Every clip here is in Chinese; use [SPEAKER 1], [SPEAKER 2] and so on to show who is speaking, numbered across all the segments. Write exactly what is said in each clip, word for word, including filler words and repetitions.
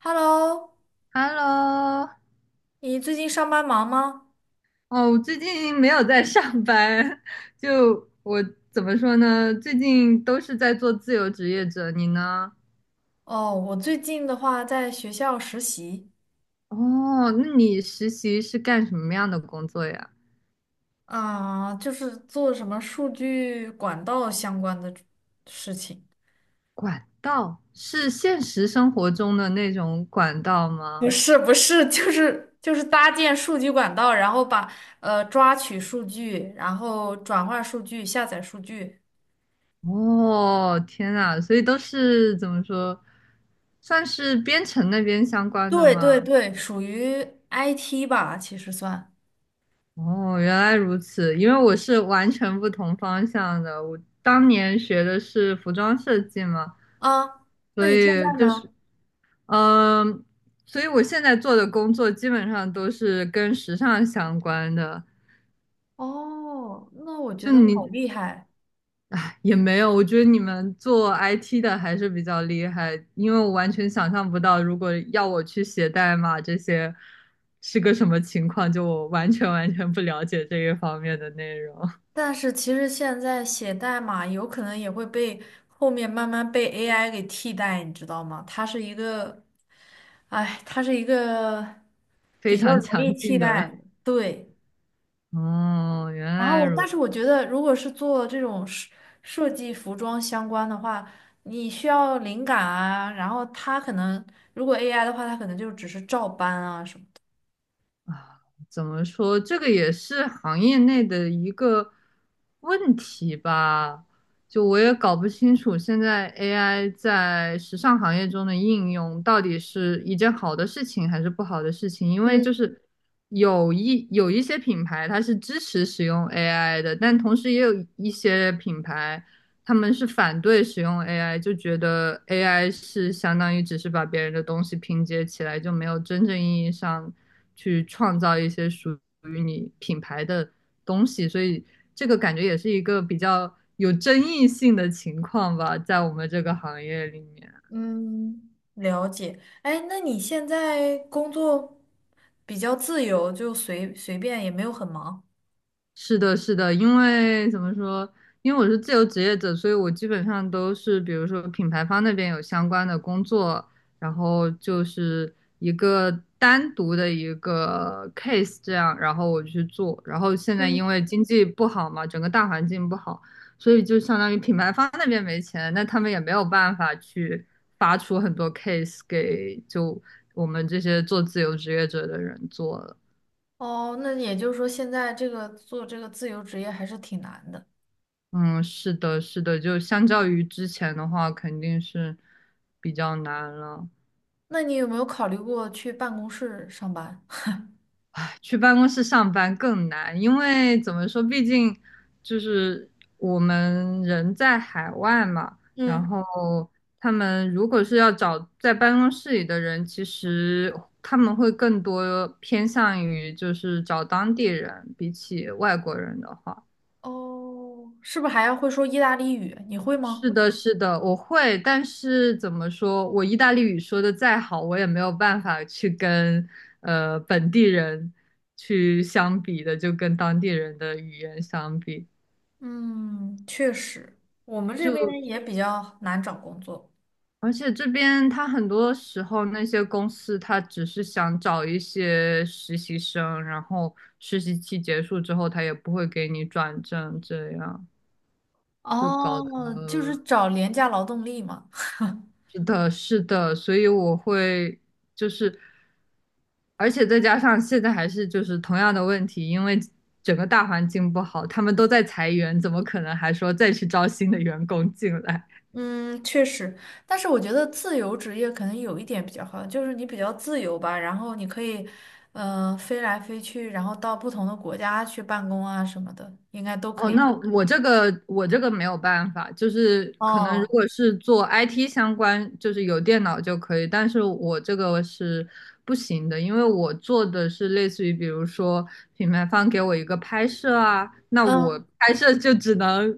[SPEAKER 1] Hello，
[SPEAKER 2] Hello，
[SPEAKER 1] 你最近上班忙吗？
[SPEAKER 2] 哦，我最近没有在上班，就我怎么说呢？最近都是在做自由职业者，你呢？
[SPEAKER 1] 哦，我最近的话在学校实习
[SPEAKER 2] 哦，那你实习是干什么样的工作呀？
[SPEAKER 1] 啊，就是做什么数据管道相关的事情。
[SPEAKER 2] 管道，是现实生活中的那种管道
[SPEAKER 1] 不
[SPEAKER 2] 吗？
[SPEAKER 1] 是不是，就是就是搭建数据管道，然后把呃抓取数据，然后转化数据、下载数据。
[SPEAKER 2] 哦，天呐，所以都是怎么说，算是编程那边相关的
[SPEAKER 1] 对对
[SPEAKER 2] 吗？
[SPEAKER 1] 对，属于 I T 吧，其实算
[SPEAKER 2] 哦，原来如此，因为我是完全不同方向的。我当年学的是服装设计嘛，
[SPEAKER 1] 啊。那
[SPEAKER 2] 所
[SPEAKER 1] 你现
[SPEAKER 2] 以
[SPEAKER 1] 在
[SPEAKER 2] 就
[SPEAKER 1] 呢？
[SPEAKER 2] 是，嗯，所以我现在做的工作基本上都是跟时尚相关的。
[SPEAKER 1] 哦，那我觉
[SPEAKER 2] 就
[SPEAKER 1] 得好
[SPEAKER 2] 你，
[SPEAKER 1] 厉害。
[SPEAKER 2] 哎，也没有，我觉得你们做 I T 的还是比较厉害，因为我完全想象不到，如果要我去写代码这些是个什么情况，就我完全完全不了解这一方面的内容。
[SPEAKER 1] 但是其实现在写代码有可能也会被后面慢慢被 A I 给替代，你知道吗？它是一个，哎，它是一个
[SPEAKER 2] 非
[SPEAKER 1] 比较
[SPEAKER 2] 常
[SPEAKER 1] 容易
[SPEAKER 2] 强
[SPEAKER 1] 替
[SPEAKER 2] 劲的。
[SPEAKER 1] 代，对。
[SPEAKER 2] 哦，原
[SPEAKER 1] 然
[SPEAKER 2] 来
[SPEAKER 1] 后，
[SPEAKER 2] 如
[SPEAKER 1] 但是我觉得，如果是做这种设设计服装相关的话，你需要灵感啊，然后它可能如果 A I 的话，它可能就只是照搬啊什么的。
[SPEAKER 2] 啊，怎么说？这个也是行业内的一个问题吧。就我也搞不清楚，现在 A I 在时尚行业中的应用到底是一件好的事情还是不好的事情？因为
[SPEAKER 1] 嗯。
[SPEAKER 2] 就是有一有一些品牌它是支持使用 A I 的，但同时也有一些品牌他们是反对使用 A I，就觉得 A I 是相当于只是把别人的东西拼接起来，就没有真正意义上去创造一些属于你品牌的东西，所以这个感觉也是一个比较有争议性的情况吧，在我们这个行业里面。
[SPEAKER 1] 嗯，了解。哎，那你现在工作比较自由，就随随便，也没有很忙。
[SPEAKER 2] 是的，是的，因为怎么说？因为我是自由职业者，所以我基本上都是，比如说品牌方那边有相关的工作，然后就是一个单独的一个 case 这样，然后我去做。然后现在因
[SPEAKER 1] 嗯。
[SPEAKER 2] 为经济不好嘛，整个大环境不好，所以就相当于品牌方那边没钱，那他们也没有办法去发出很多 case 给就我们这些做自由职业者的人做了。
[SPEAKER 1] 哦，那也就是说，现在这个做这个自由职业还是挺难的。
[SPEAKER 2] 嗯，是的，是的，就相较于之前的话，肯定是比较难了。
[SPEAKER 1] 那你有没有考虑过去办公室上班？
[SPEAKER 2] 去办公室上班更难，因为怎么说，毕竟就是我们人在海外嘛，然
[SPEAKER 1] 嗯，
[SPEAKER 2] 后他们如果是要找在办公室里的人，其实他们会更多偏向于就是找当地人，比起外国人的话。
[SPEAKER 1] 哦，是不是还要会说意大利语？你会吗？
[SPEAKER 2] 是的，是的，我会，但是怎么说，我意大利语说的再好，我也没有办法去跟呃本地人去相比的，就跟当地人的语言相比，
[SPEAKER 1] 嗯，确实，我们这边
[SPEAKER 2] 就
[SPEAKER 1] 也比较难找工作。
[SPEAKER 2] 而且这边他很多时候那些公司他只是想找一些实习生，然后实习期结束之后，他也不会给你转正，这样就搞得。
[SPEAKER 1] 哦，就是找廉价劳动力嘛。
[SPEAKER 2] 是的，是的，所以我会就是，而且再加上现在还是就是同样的问题，因为整个大环境不好，他们都在裁员，怎么可能还说再去招新的员工进来？
[SPEAKER 1] 嗯，确实，但是我觉得自由职业可能有一点比较好，就是你比较自由吧，然后你可以，嗯、飞来飞去，然后到不同的国家去办公啊什么的，应该都可
[SPEAKER 2] 哦，
[SPEAKER 1] 以。
[SPEAKER 2] 那我这个我这个没有办法，就是可能如
[SPEAKER 1] 哦，
[SPEAKER 2] 果是做 I T 相关，就是有电脑就可以，但是我这个是不行的，因为我做的是类似于，比如说品牌方给我一个拍摄啊，那我
[SPEAKER 1] 嗯，
[SPEAKER 2] 拍摄就只能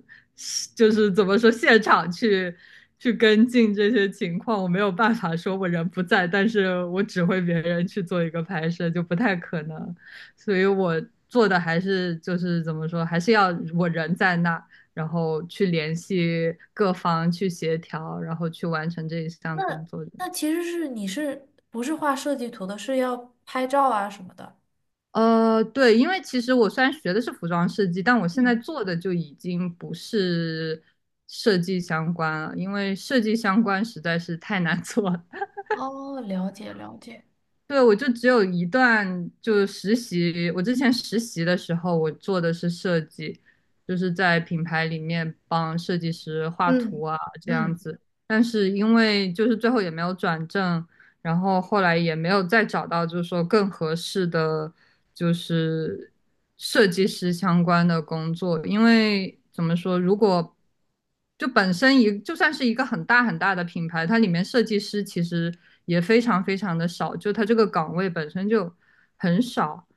[SPEAKER 2] 就是怎么说现场去去跟进这些情况，我没有办法说我人不在，但是我指挥别人去做一个拍摄，就不太可能。所以我做的还是就是怎么说，还是要我人在那，然后去联系各方去协调，然后去完成这一项工
[SPEAKER 1] 那
[SPEAKER 2] 作。
[SPEAKER 1] 那其实是你是不是画设计图的，是要拍照啊什么的？
[SPEAKER 2] 呃，对，因为其实我虽然学的是服装设计，但我现在
[SPEAKER 1] 嗯，
[SPEAKER 2] 做的就已经不是设计相关了，因为设计相关实在是太难做了。
[SPEAKER 1] 哦，了解了解，
[SPEAKER 2] 对，我就只有一段，就实习。我之前实习的时候，我做的是设计，就是在品牌里面帮设计师画图
[SPEAKER 1] 嗯。
[SPEAKER 2] 啊，这样
[SPEAKER 1] 嗯。
[SPEAKER 2] 子。但是因为就是最后也没有转正，然后后来也没有再找到就是说更合适的就是设计师相关的工作，因为怎么说，如果就本身一就算是一个很大很大的品牌，它里面设计师其实也非常非常的少，就它这个岗位本身就很少，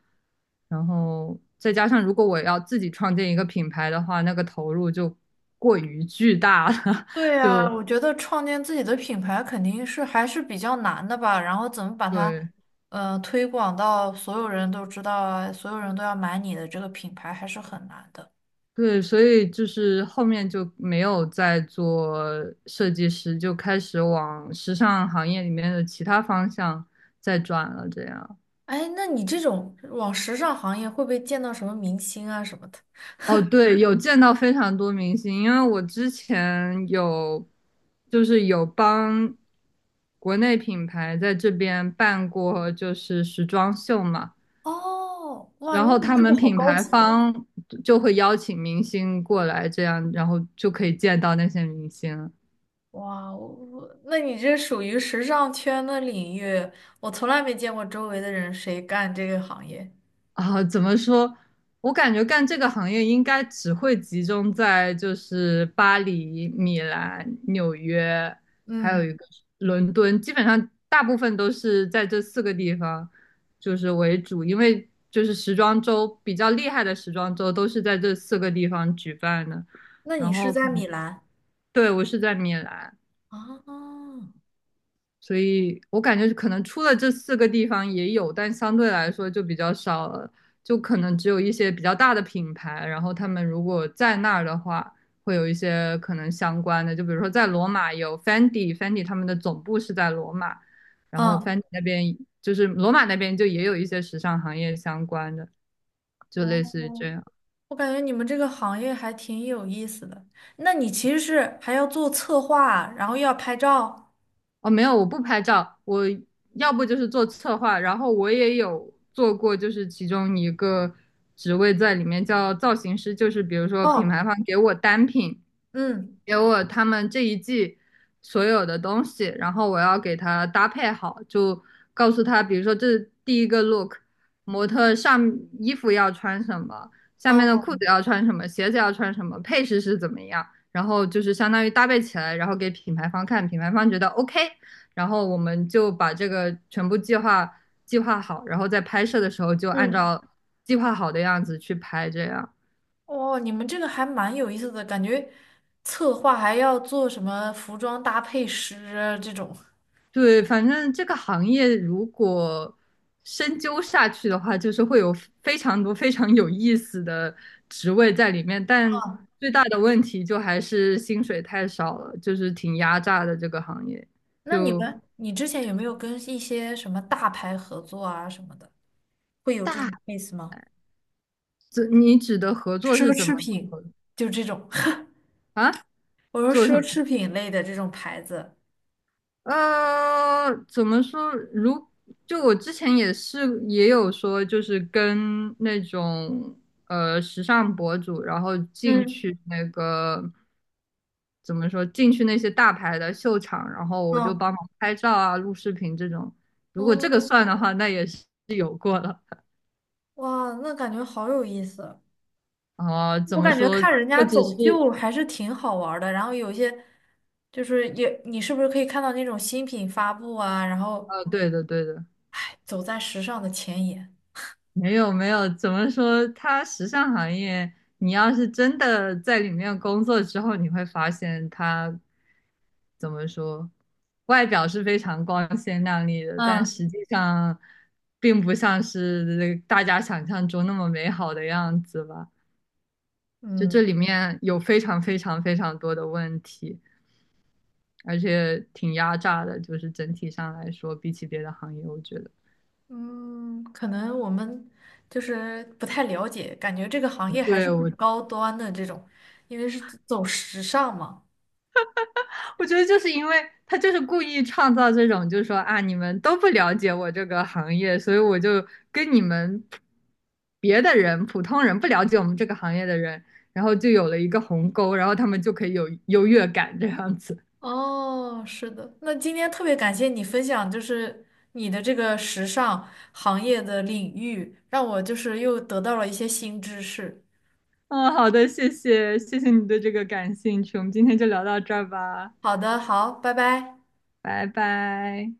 [SPEAKER 2] 然后再加上如果我要自己创建一个品牌的话，那个投入就过于巨大了，
[SPEAKER 1] 对呀，我觉得创建自己的品牌肯定是还是比较难的吧，然后怎么把 它，
[SPEAKER 2] 对。
[SPEAKER 1] 呃，推广到所有人都知道啊，所有人都要买你的这个品牌还是很难的。
[SPEAKER 2] 对，所以就是后面就没有再做设计师，就开始往时尚行业里面的其他方向再转了。这样，
[SPEAKER 1] 哎，那你这种往时尚行业会不会见到什么明星啊什么的？
[SPEAKER 2] 哦，对，有见到非常多明星，因为我之前有就是有帮国内品牌在这边办过就是时装秀嘛，
[SPEAKER 1] 哦，哇，那
[SPEAKER 2] 然后
[SPEAKER 1] 你
[SPEAKER 2] 他
[SPEAKER 1] 这
[SPEAKER 2] 们
[SPEAKER 1] 个好
[SPEAKER 2] 品
[SPEAKER 1] 高
[SPEAKER 2] 牌
[SPEAKER 1] 级。
[SPEAKER 2] 方就会邀请明星过来，这样然后就可以见到那些明星。
[SPEAKER 1] 哇，我我那你这属于时尚圈的领域，我从来没见过周围的人谁干这个行业。
[SPEAKER 2] 啊，怎么说？我感觉干这个行业应该只会集中在就是巴黎、米兰、纽约，还有
[SPEAKER 1] 嗯，
[SPEAKER 2] 一个是伦敦，基本上大部分都是在这四个地方就是为主，因为就是时装周比较厉害的时装周都是在这四个地方举办的，
[SPEAKER 1] 那你
[SPEAKER 2] 然后
[SPEAKER 1] 是
[SPEAKER 2] 可
[SPEAKER 1] 在
[SPEAKER 2] 能
[SPEAKER 1] 米兰
[SPEAKER 2] 对我是在米兰。
[SPEAKER 1] 啊？
[SPEAKER 2] 所以我感觉可能除了这四个地方也有，但相对来说就比较少了，就可能只有一些比较大的品牌，然后他们如果在那儿的话，会有一些可能相关的，就比如说在罗马有 Fendi，Fendi 他们的总部是在罗马，然后
[SPEAKER 1] 嗯。
[SPEAKER 2] Fendi 那边就是罗马那边就也有一些时尚行业相关的，就类似于这
[SPEAKER 1] 哦，
[SPEAKER 2] 样。
[SPEAKER 1] 我感觉你们这个行业还挺有意思的。那你其实是还要做策划，然后又要拍照。
[SPEAKER 2] 哦，没有，我不拍照，我要不就是做策划，然后我也有做过，就是其中一个职位在里面叫造型师，就是比如说品
[SPEAKER 1] 哦，
[SPEAKER 2] 牌方给我单品，
[SPEAKER 1] 嗯，
[SPEAKER 2] 给我他们这一季所有的东西，然后我要给他搭配好，就告诉他，比如说这是第一个 look，模特上衣服要穿什么，下面的
[SPEAKER 1] 哦，
[SPEAKER 2] 裤子要穿什么，鞋子要穿什么，配饰是怎么样，然后就是相当于搭配起来，然后给品牌方看，品牌方觉得 OK，然后我们就把这个全部计划计划好，然后在拍摄的时候就按
[SPEAKER 1] 嗯，
[SPEAKER 2] 照计划好的样子去拍，这样。
[SPEAKER 1] 哦，你们这个还蛮有意思的，感觉策划还要做什么服装搭配师啊这种。
[SPEAKER 2] 对，反正这个行业如果深究下去的话，就是会有非常多非常有意思的职位在里面，但最大的问题就还是薪水太少了，就是挺压榨的这个行业。
[SPEAKER 1] 那你
[SPEAKER 2] 就
[SPEAKER 1] 们，你之前有没有跟一些什么大牌合作啊什么的，会有这
[SPEAKER 2] 大，
[SPEAKER 1] 种 case 吗？
[SPEAKER 2] 这你指的合作
[SPEAKER 1] 奢
[SPEAKER 2] 是怎么
[SPEAKER 1] 侈
[SPEAKER 2] 合
[SPEAKER 1] 品，
[SPEAKER 2] 作
[SPEAKER 1] 就这种，
[SPEAKER 2] 啊？
[SPEAKER 1] 我说
[SPEAKER 2] 做什
[SPEAKER 1] 奢
[SPEAKER 2] 么？
[SPEAKER 1] 侈品类的这种牌子。
[SPEAKER 2] 呃，怎么说？如就我之前也是也有说，就是跟那种呃时尚博主，然后进
[SPEAKER 1] 嗯，
[SPEAKER 2] 去那个怎么说，进去那些大牌的秀场，然后我就
[SPEAKER 1] 哦，
[SPEAKER 2] 帮忙拍照啊、录视频这种。如果这个
[SPEAKER 1] 哦，
[SPEAKER 2] 算的话，那也是有过了。
[SPEAKER 1] 哇，那感觉好有意思！
[SPEAKER 2] 啊、怎
[SPEAKER 1] 我
[SPEAKER 2] 么
[SPEAKER 1] 感觉
[SPEAKER 2] 说？
[SPEAKER 1] 看人家
[SPEAKER 2] 这只是
[SPEAKER 1] 走秀还是挺好玩儿的，然后有些就是也，你是不是可以看到那种新品发布啊，然后
[SPEAKER 2] 呃，对的，对的。
[SPEAKER 1] 哎走在时尚的前沿？
[SPEAKER 2] 没有，没有，怎么说？它时尚行业，你要是真的在里面工作之后，你会发现它怎么说，外表是非常光鲜亮丽的，但
[SPEAKER 1] 嗯，
[SPEAKER 2] 实际上并不像是大家想象中那么美好的样子吧。就这
[SPEAKER 1] 嗯
[SPEAKER 2] 里面有非常非常非常多的问题，而且挺压榨的，就是整体上来说，比起别的行业，我觉得。
[SPEAKER 1] 嗯，可能我们就是不太了解，感觉这个行业还是
[SPEAKER 2] 对，
[SPEAKER 1] 很
[SPEAKER 2] 我
[SPEAKER 1] 高端的这种，因为是走时尚嘛。
[SPEAKER 2] 我觉得就是因为他就是故意创造这种，就是说啊，你们都不了解我这个行业，所以我就跟你们别的人、普通人不了解我们这个行业的人，然后就有了一个鸿沟，然后他们就可以有优越感这样子。
[SPEAKER 1] 哦，是的，那今天特别感谢你分享，就是你的这个时尚行业的领域，让我就是又得到了一些新知识。
[SPEAKER 2] 嗯，好的，谢谢，谢谢你对这个感兴趣，我们今天就聊到这儿吧，
[SPEAKER 1] 好的，好，拜拜。
[SPEAKER 2] 拜拜。